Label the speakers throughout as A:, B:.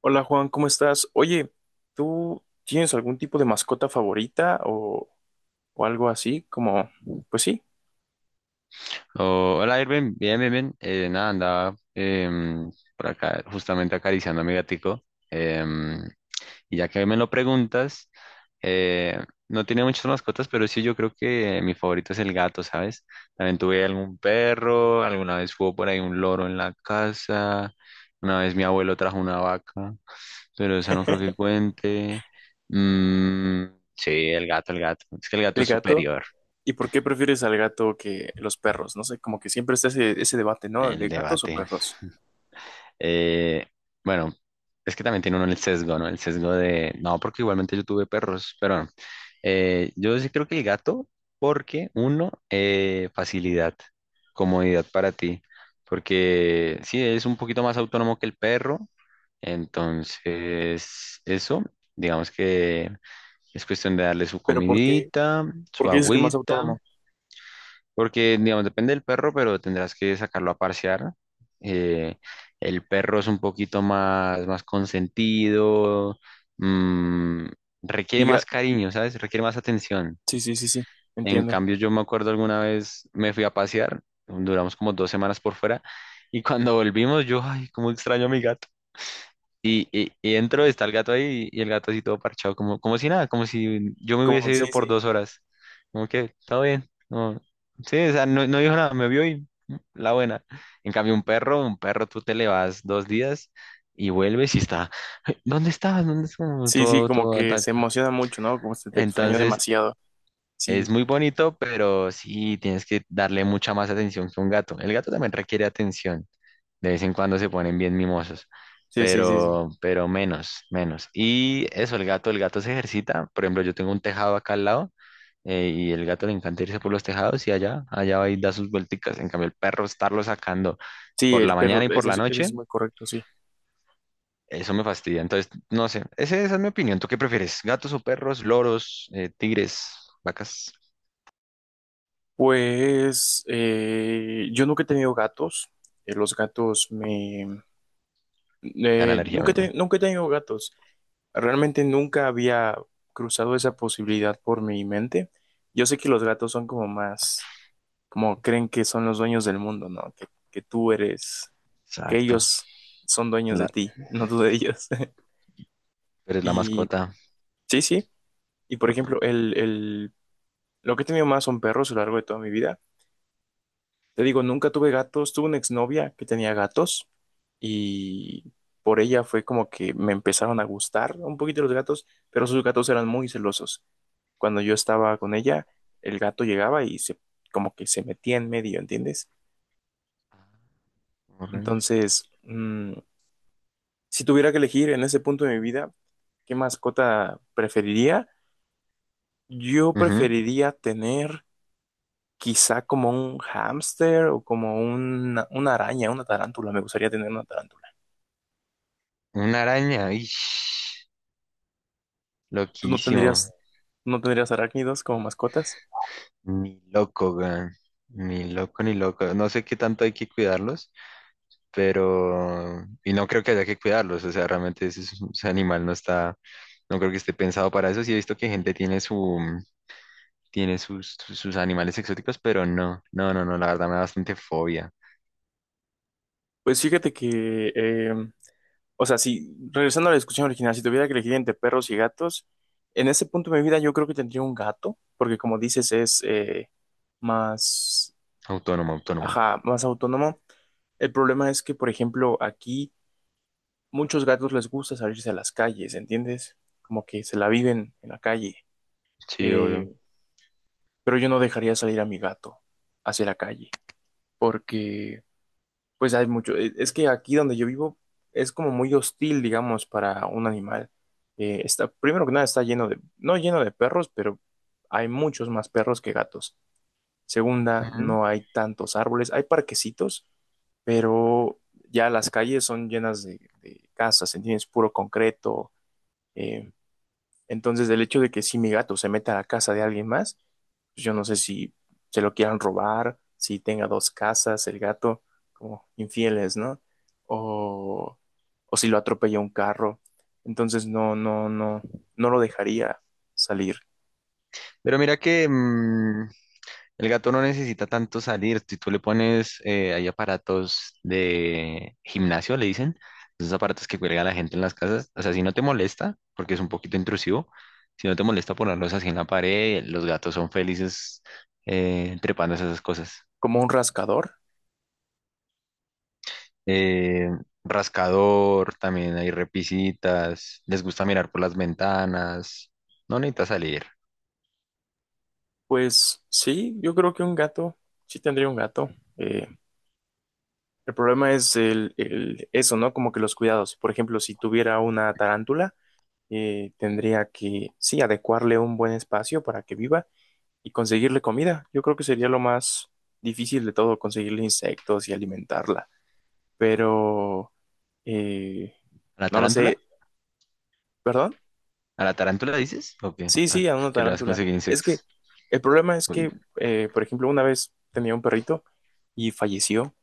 A: Hola Juan, ¿cómo estás? Oye, ¿tú tienes algún tipo de mascota favorita o algo así? Como, pues sí.
B: Oh, hola Irving, bien, bien, bien. Nada, andaba por acá justamente acariciando a mi gatico. Em, y ya que me lo preguntas, eh, no tiene muchas mascotas, pero sí yo creo que mi favorito es el gato, ¿sabes? También tuve algún perro, alguna vez hubo por ahí un loro en la casa, una vez mi abuelo trajo una vaca, pero esa no creo que cuente. Mm, sí, el gato, el gato. Es que el gato
A: El
B: es
A: gato.
B: superior,
A: ¿Y por qué prefieres al gato que los perros? No sé, como que siempre está ese debate, ¿no? ¿De
B: el
A: gatos o
B: debate.
A: perros?
B: Eh, bueno, es que también tiene uno el sesgo, ¿no? El sesgo de, no, porque igualmente yo tuve perros, pero no. Yo sí creo que el gato, porque uno, facilidad, comodidad para ti, porque sí, es un poquito más autónomo que el perro, entonces eso, digamos que es cuestión de darle su
A: Pero ¿por qué?
B: comidita,
A: ¿Por
B: su
A: qué dices que más
B: agüita.
A: autónomo?
B: Porque, digamos, depende del perro, pero tendrás que sacarlo a parsear. Eh, el perro es un poquito más consentido, mm, requiere
A: Diga,
B: más cariño, ¿sabes? Requiere más atención.
A: sí, sí, sí, sí,
B: En
A: entiendo.
B: cambio, yo me acuerdo alguna vez me fui a pasear, duramos como dos semanas por fuera, y cuando volvimos, yo, ay, cómo extraño a mi gato. Y entro, está el gato ahí y el gato así todo parchado, como, como si nada, como si yo me
A: Como,
B: hubiese
A: sí,
B: ido por
A: sí,
B: dos horas. Como que, todo bien. No, sí, o sea, no, no dijo nada, me vio y la buena. En cambio, un perro, tú te le vas dos días y vuelves y está, ¿dónde estabas? ¿Dónde estabas?
A: sí, sí,
B: Todo,
A: como
B: todo
A: que se
B: ataca.
A: emociona mucho, ¿no? Como se te extraña
B: Entonces,
A: demasiado.
B: es
A: Sí,
B: muy bonito, pero sí, tienes que darle mucha más atención que un gato. El gato también requiere atención. De vez en cuando se ponen bien mimosos,
A: sí, sí, sí, sí.
B: pero menos, menos. Y eso, el gato se ejercita. Por ejemplo, yo tengo un tejado acá al lado y el gato le encanta irse por los tejados y allá, allá va y da sus vuelticas. En cambio, el perro estarlo sacando
A: Sí,
B: por
A: el
B: la
A: perro,
B: mañana y por
A: ese,
B: la
A: ese es
B: noche,
A: muy correcto, sí.
B: eso me fastidia. Entonces, no sé, esa es mi opinión. ¿Tú qué prefieres? ¿Gatos o perros, loros, tigres, vacas?
A: Pues yo nunca he tenido gatos. Los gatos me...
B: Te dan alergia,
A: nunca,
B: meme.
A: nunca he tenido gatos. Realmente nunca había cruzado esa posibilidad por mi mente. Yo sé que los gatos son como más, como creen que son los dueños del mundo, ¿no? Que tú eres. Que
B: Exacto.
A: ellos son dueños de
B: La,
A: ti, no tú de ellos.
B: pero es la
A: Y
B: mascota.
A: sí, sí. Y por ejemplo, el lo que he tenido más son perros a lo largo de toda mi vida. Te digo, nunca tuve gatos. Tuve una exnovia que tenía gatos y por ella fue como que me empezaron a gustar un poquito los gatos, pero sus gatos eran muy celosos. Cuando yo estaba con ella, el gato llegaba y se, como que se metía en medio, ¿entiendes?
B: Ujú.
A: Entonces, si tuviera que elegir en ese punto de mi vida, ¿qué mascota preferiría? Yo preferiría tener quizá como un hámster o como una araña, una tarántula. Me gustaría tener una tarántula.
B: Una araña. Ish.
A: ¿Tú no
B: Loquísimo.
A: tendrías, no tendrías arácnidos como mascotas?
B: Ni loco, weón. Ni loco, ni loco. No sé qué tanto hay que cuidarlos, pero... Y no creo que haya que cuidarlos. O sea, realmente ese, ese animal no está... No creo que esté pensado para eso. Sí he visto que gente tiene su... Tiene sus, sus animales exóticos, pero no. No, no, no. La verdad me da bastante fobia.
A: Pues fíjate que, o sea, si regresando a la discusión original, si tuviera que elegir entre perros y gatos, en ese punto de mi vida yo creo que tendría un gato, porque como dices es más
B: Autónomo, autónomo.
A: ajá, más autónomo. El problema es que, por ejemplo, aquí muchos gatos les gusta salirse a las calles, ¿entiendes? Como que se la viven en la calle.
B: Sí, obvio.
A: Eh, pero yo no dejaría salir a mi gato hacia la calle, porque pues hay mucho. Es que aquí donde yo vivo es como muy hostil, digamos, para un animal. Está, primero que nada está lleno de, no lleno de perros, pero hay muchos más perros que gatos. Segunda,
B: Ujú.
A: no hay tantos árboles. Hay parquecitos, pero ya las calles son llenas de casas, ¿entiendes? Puro concreto. eh, entonces, el hecho de que si mi gato se meta a la casa de alguien más, pues yo no sé si se lo quieran robar, si tenga dos casas el gato, como infieles, ¿no? O, o si lo atropella un carro. Entonces, no, no, no, no lo dejaría salir.
B: Pero mira que... el gato no necesita tanto salir. Si tú le pones, hay aparatos de gimnasio, le dicen, esos aparatos que cuelga la gente en las casas. O sea, si no te molesta, porque es un poquito intrusivo, si no te molesta ponerlos así en la pared, los gatos son felices trepándose esas cosas.
A: Como un rascador.
B: Eh, Rascador, también hay repisitas, les gusta mirar por las ventanas. No necesita salir.
A: Pues sí, yo creo que un gato, sí tendría un gato. Eh, el problema es el eso, ¿no? Como que los cuidados. Por ejemplo, si tuviera una tarántula, tendría que, sí, adecuarle un buen espacio para que viva y conseguirle comida. Yo creo que sería lo más difícil de todo, conseguirle insectos y alimentarla. Pero, eh,
B: ¿A la
A: no lo
B: tarántula?
A: sé, ¿perdón?
B: ¿A la tarántula dices? ¿O qué?
A: Sí,
B: ¿A
A: sí, a una
B: qué le vas a
A: tarántula.
B: conseguir
A: Es que
B: insectos?
A: el problema es
B: Uy,
A: que, por ejemplo, una vez tenía un perrito y falleció.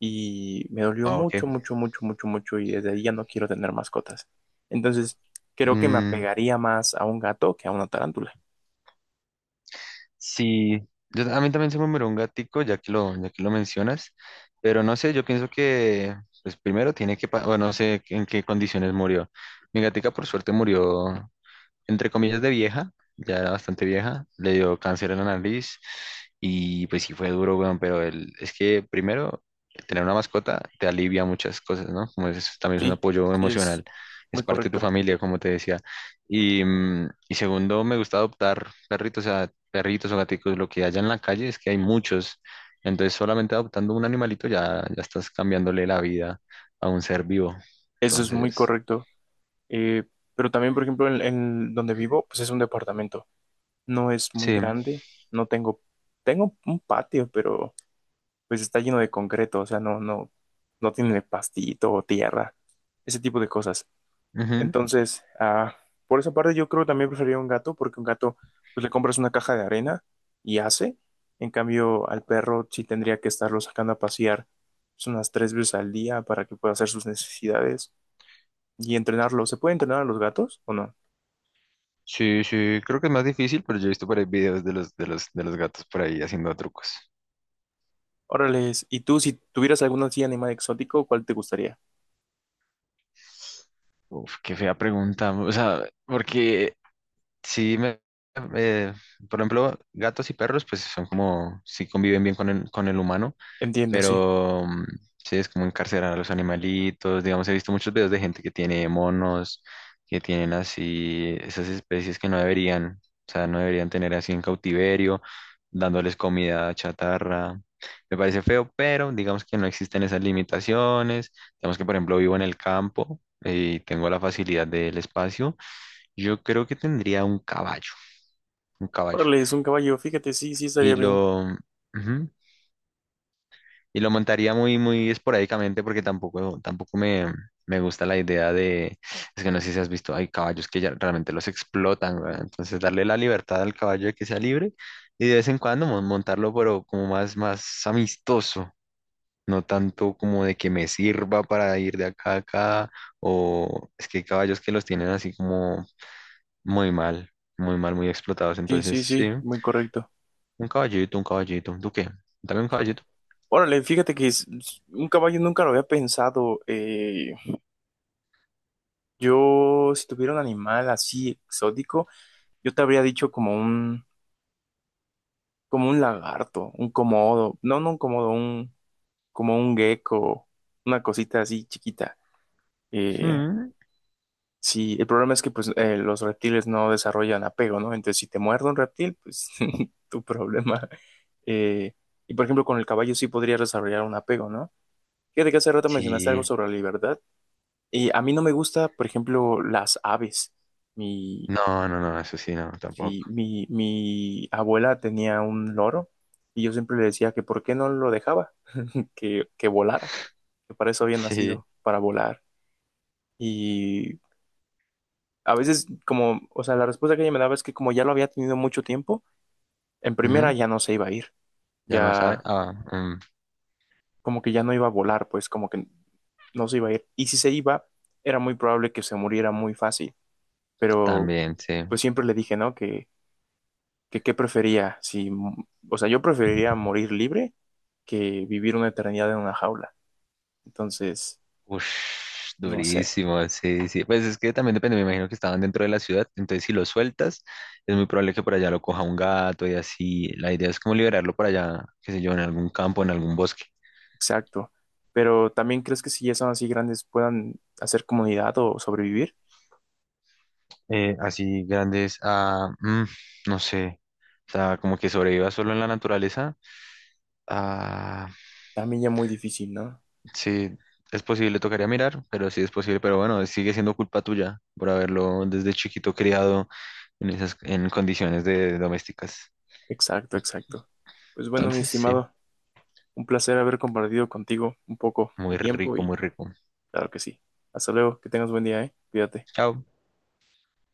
A: Y me dolió
B: ah, ok.
A: mucho, mucho, mucho, mucho, mucho y desde ahí ya no quiero tener mascotas. Entonces, creo que me
B: Mm,
A: apegaría más a un gato que a una tarántula.
B: sí, yo, a mí también se me murió un gatico, ya que lo mencionas, pero no sé, yo pienso que, pues primero tiene que, o no sé en qué condiciones murió. Mi gatica por suerte murió entre comillas, de vieja, ya era bastante vieja, le dio cáncer en la nariz y pues sí fue duro, weón, pero el, es que primero, tener una mascota te alivia muchas cosas, ¿no? Como es, también es un
A: Sí,
B: apoyo
A: sí,
B: emocional,
A: es
B: es
A: muy
B: parte de tu
A: correcto.
B: familia, como te decía. Y, y segundo, me gusta adoptar perritos, o sea, perritos o gaticos, lo que haya en la calle es que hay muchos. Entonces, solamente adoptando un animalito ya estás cambiándole la vida a un ser vivo.
A: Eso es muy
B: Entonces,
A: correcto. Eh, pero también, por ejemplo, en donde vivo, pues es un departamento. No es muy
B: sí.
A: grande, no tengo, tengo un patio, pero pues está lleno de concreto, o sea, no, no, no tiene pastito o tierra, ese tipo de cosas.
B: Ujú.
A: Entonces, por esa parte yo creo que también preferiría un gato, porque un gato, pues le compras una caja de arena y hace. En cambio, al perro sí tendría que estarlo sacando a pasear pues, unas 3 veces al día para que pueda hacer sus necesidades y entrenarlo. ¿Se puede entrenar a los gatos o no?
B: Sí, sí, creo que es más difícil, pero yo he visto por ahí videos de los gatos por ahí haciendo trucos.
A: Órales, ¿y tú si tuvieras algún así animal exótico, cuál te gustaría?
B: Uf, qué fea pregunta. O sea, porque sí, me, eh, por ejemplo, gatos y perros, pues son como, sí conviven bien con el humano.
A: Entiendo, sí.
B: Pero sí, es como encarcelar a los animalitos. Digamos, he visto muchos videos de gente que tiene monos, que tienen así esas especies que no deberían, o sea, no deberían tener así en cautiverio, dándoles comida chatarra. Me parece feo, pero digamos que no existen esas limitaciones. Digamos que, por ejemplo, vivo en el campo y tengo la facilidad del espacio. Yo creo que tendría un caballo, un caballo.
A: Órale, es un caballo, fíjate, sí, sí
B: Y
A: estaría bien.
B: lo, ujú, y lo montaría muy, muy esporádicamente porque tampoco, me gusta la idea de, es que no sé si has visto, hay caballos que ya realmente los explotan, weón. Entonces darle la libertad al caballo de que sea libre y de vez en cuando montarlo, pero como más amistoso, no tanto como de que me sirva para ir de acá a acá, o es que hay caballos que los tienen así como muy mal, muy mal, muy explotados.
A: Sí,
B: Entonces,
A: sí,
B: sí,
A: sí, muy correcto.
B: un caballito, ¿tú qué? Dame un caballito.
A: Órale, fíjate que un caballo nunca lo había pensado. Yo, si tuviera un animal así exótico, yo te habría dicho como un lagarto, un comodo, no, no un comodo, un, como un gecko, una cosita así chiquita. Eh,
B: Mm,
A: sí, el problema es que pues los reptiles no desarrollan apego, ¿no? Entonces, si te muerde un reptil, pues tu problema. Eh, y por ejemplo, con el caballo sí podría desarrollar un apego, ¿no? Fíjate que hace rato mencionaste
B: Sí.
A: algo sobre la libertad. Y a mí no me gusta, por ejemplo, las aves. Mi,
B: No, no, no, eso sí, no, tampoco.
A: Sí, mi abuela tenía un loro y yo siempre le decía que por qué no lo dejaba, que volara, que para eso había
B: Sí.
A: nacido, para volar. Y a veces como, o sea, la respuesta que ella me daba es que como ya lo había tenido mucho tiempo, en primera
B: Ujú,
A: ya no se iba a ir,
B: ya no sabe.
A: ya
B: Ah,
A: como que ya no iba a volar, pues como que no se iba a ir. Y si se iba, era muy probable que se muriera muy fácil, pero
B: también, sí.
A: pues siempre le dije, ¿no? Que qué prefería, si, o sea, yo preferiría morir libre que vivir una eternidad en una jaula. Entonces,
B: Ush,
A: no sé,
B: durísimo, sí, sí. Pues es que también depende, me imagino que estaban dentro de la ciudad, entonces si lo sueltas, es muy probable que por allá lo coja un gato y así. La idea es como liberarlo por allá, qué sé yo, en algún campo, en algún bosque.
A: exacto. Pero también crees que si ya son así grandes puedan hacer comunidad o sobrevivir,
B: Así grandes, ah, no sé. O sea, como que sobreviva solo en la naturaleza. Ah.
A: también ya muy difícil, ¿no?
B: Sí, es posible, tocaría mirar, pero sí es posible, pero bueno, sigue siendo culpa tuya por haberlo desde chiquito criado en esas, en condiciones de domésticas.
A: Exacto, exacto. Pues bueno, mi
B: Entonces, sí,
A: estimado, un placer haber compartido contigo un poco
B: muy
A: de tiempo
B: rico,
A: y
B: muy rico.
A: claro que sí. Hasta luego, que tengas buen día, ¿eh? Cuídate.
B: Chao.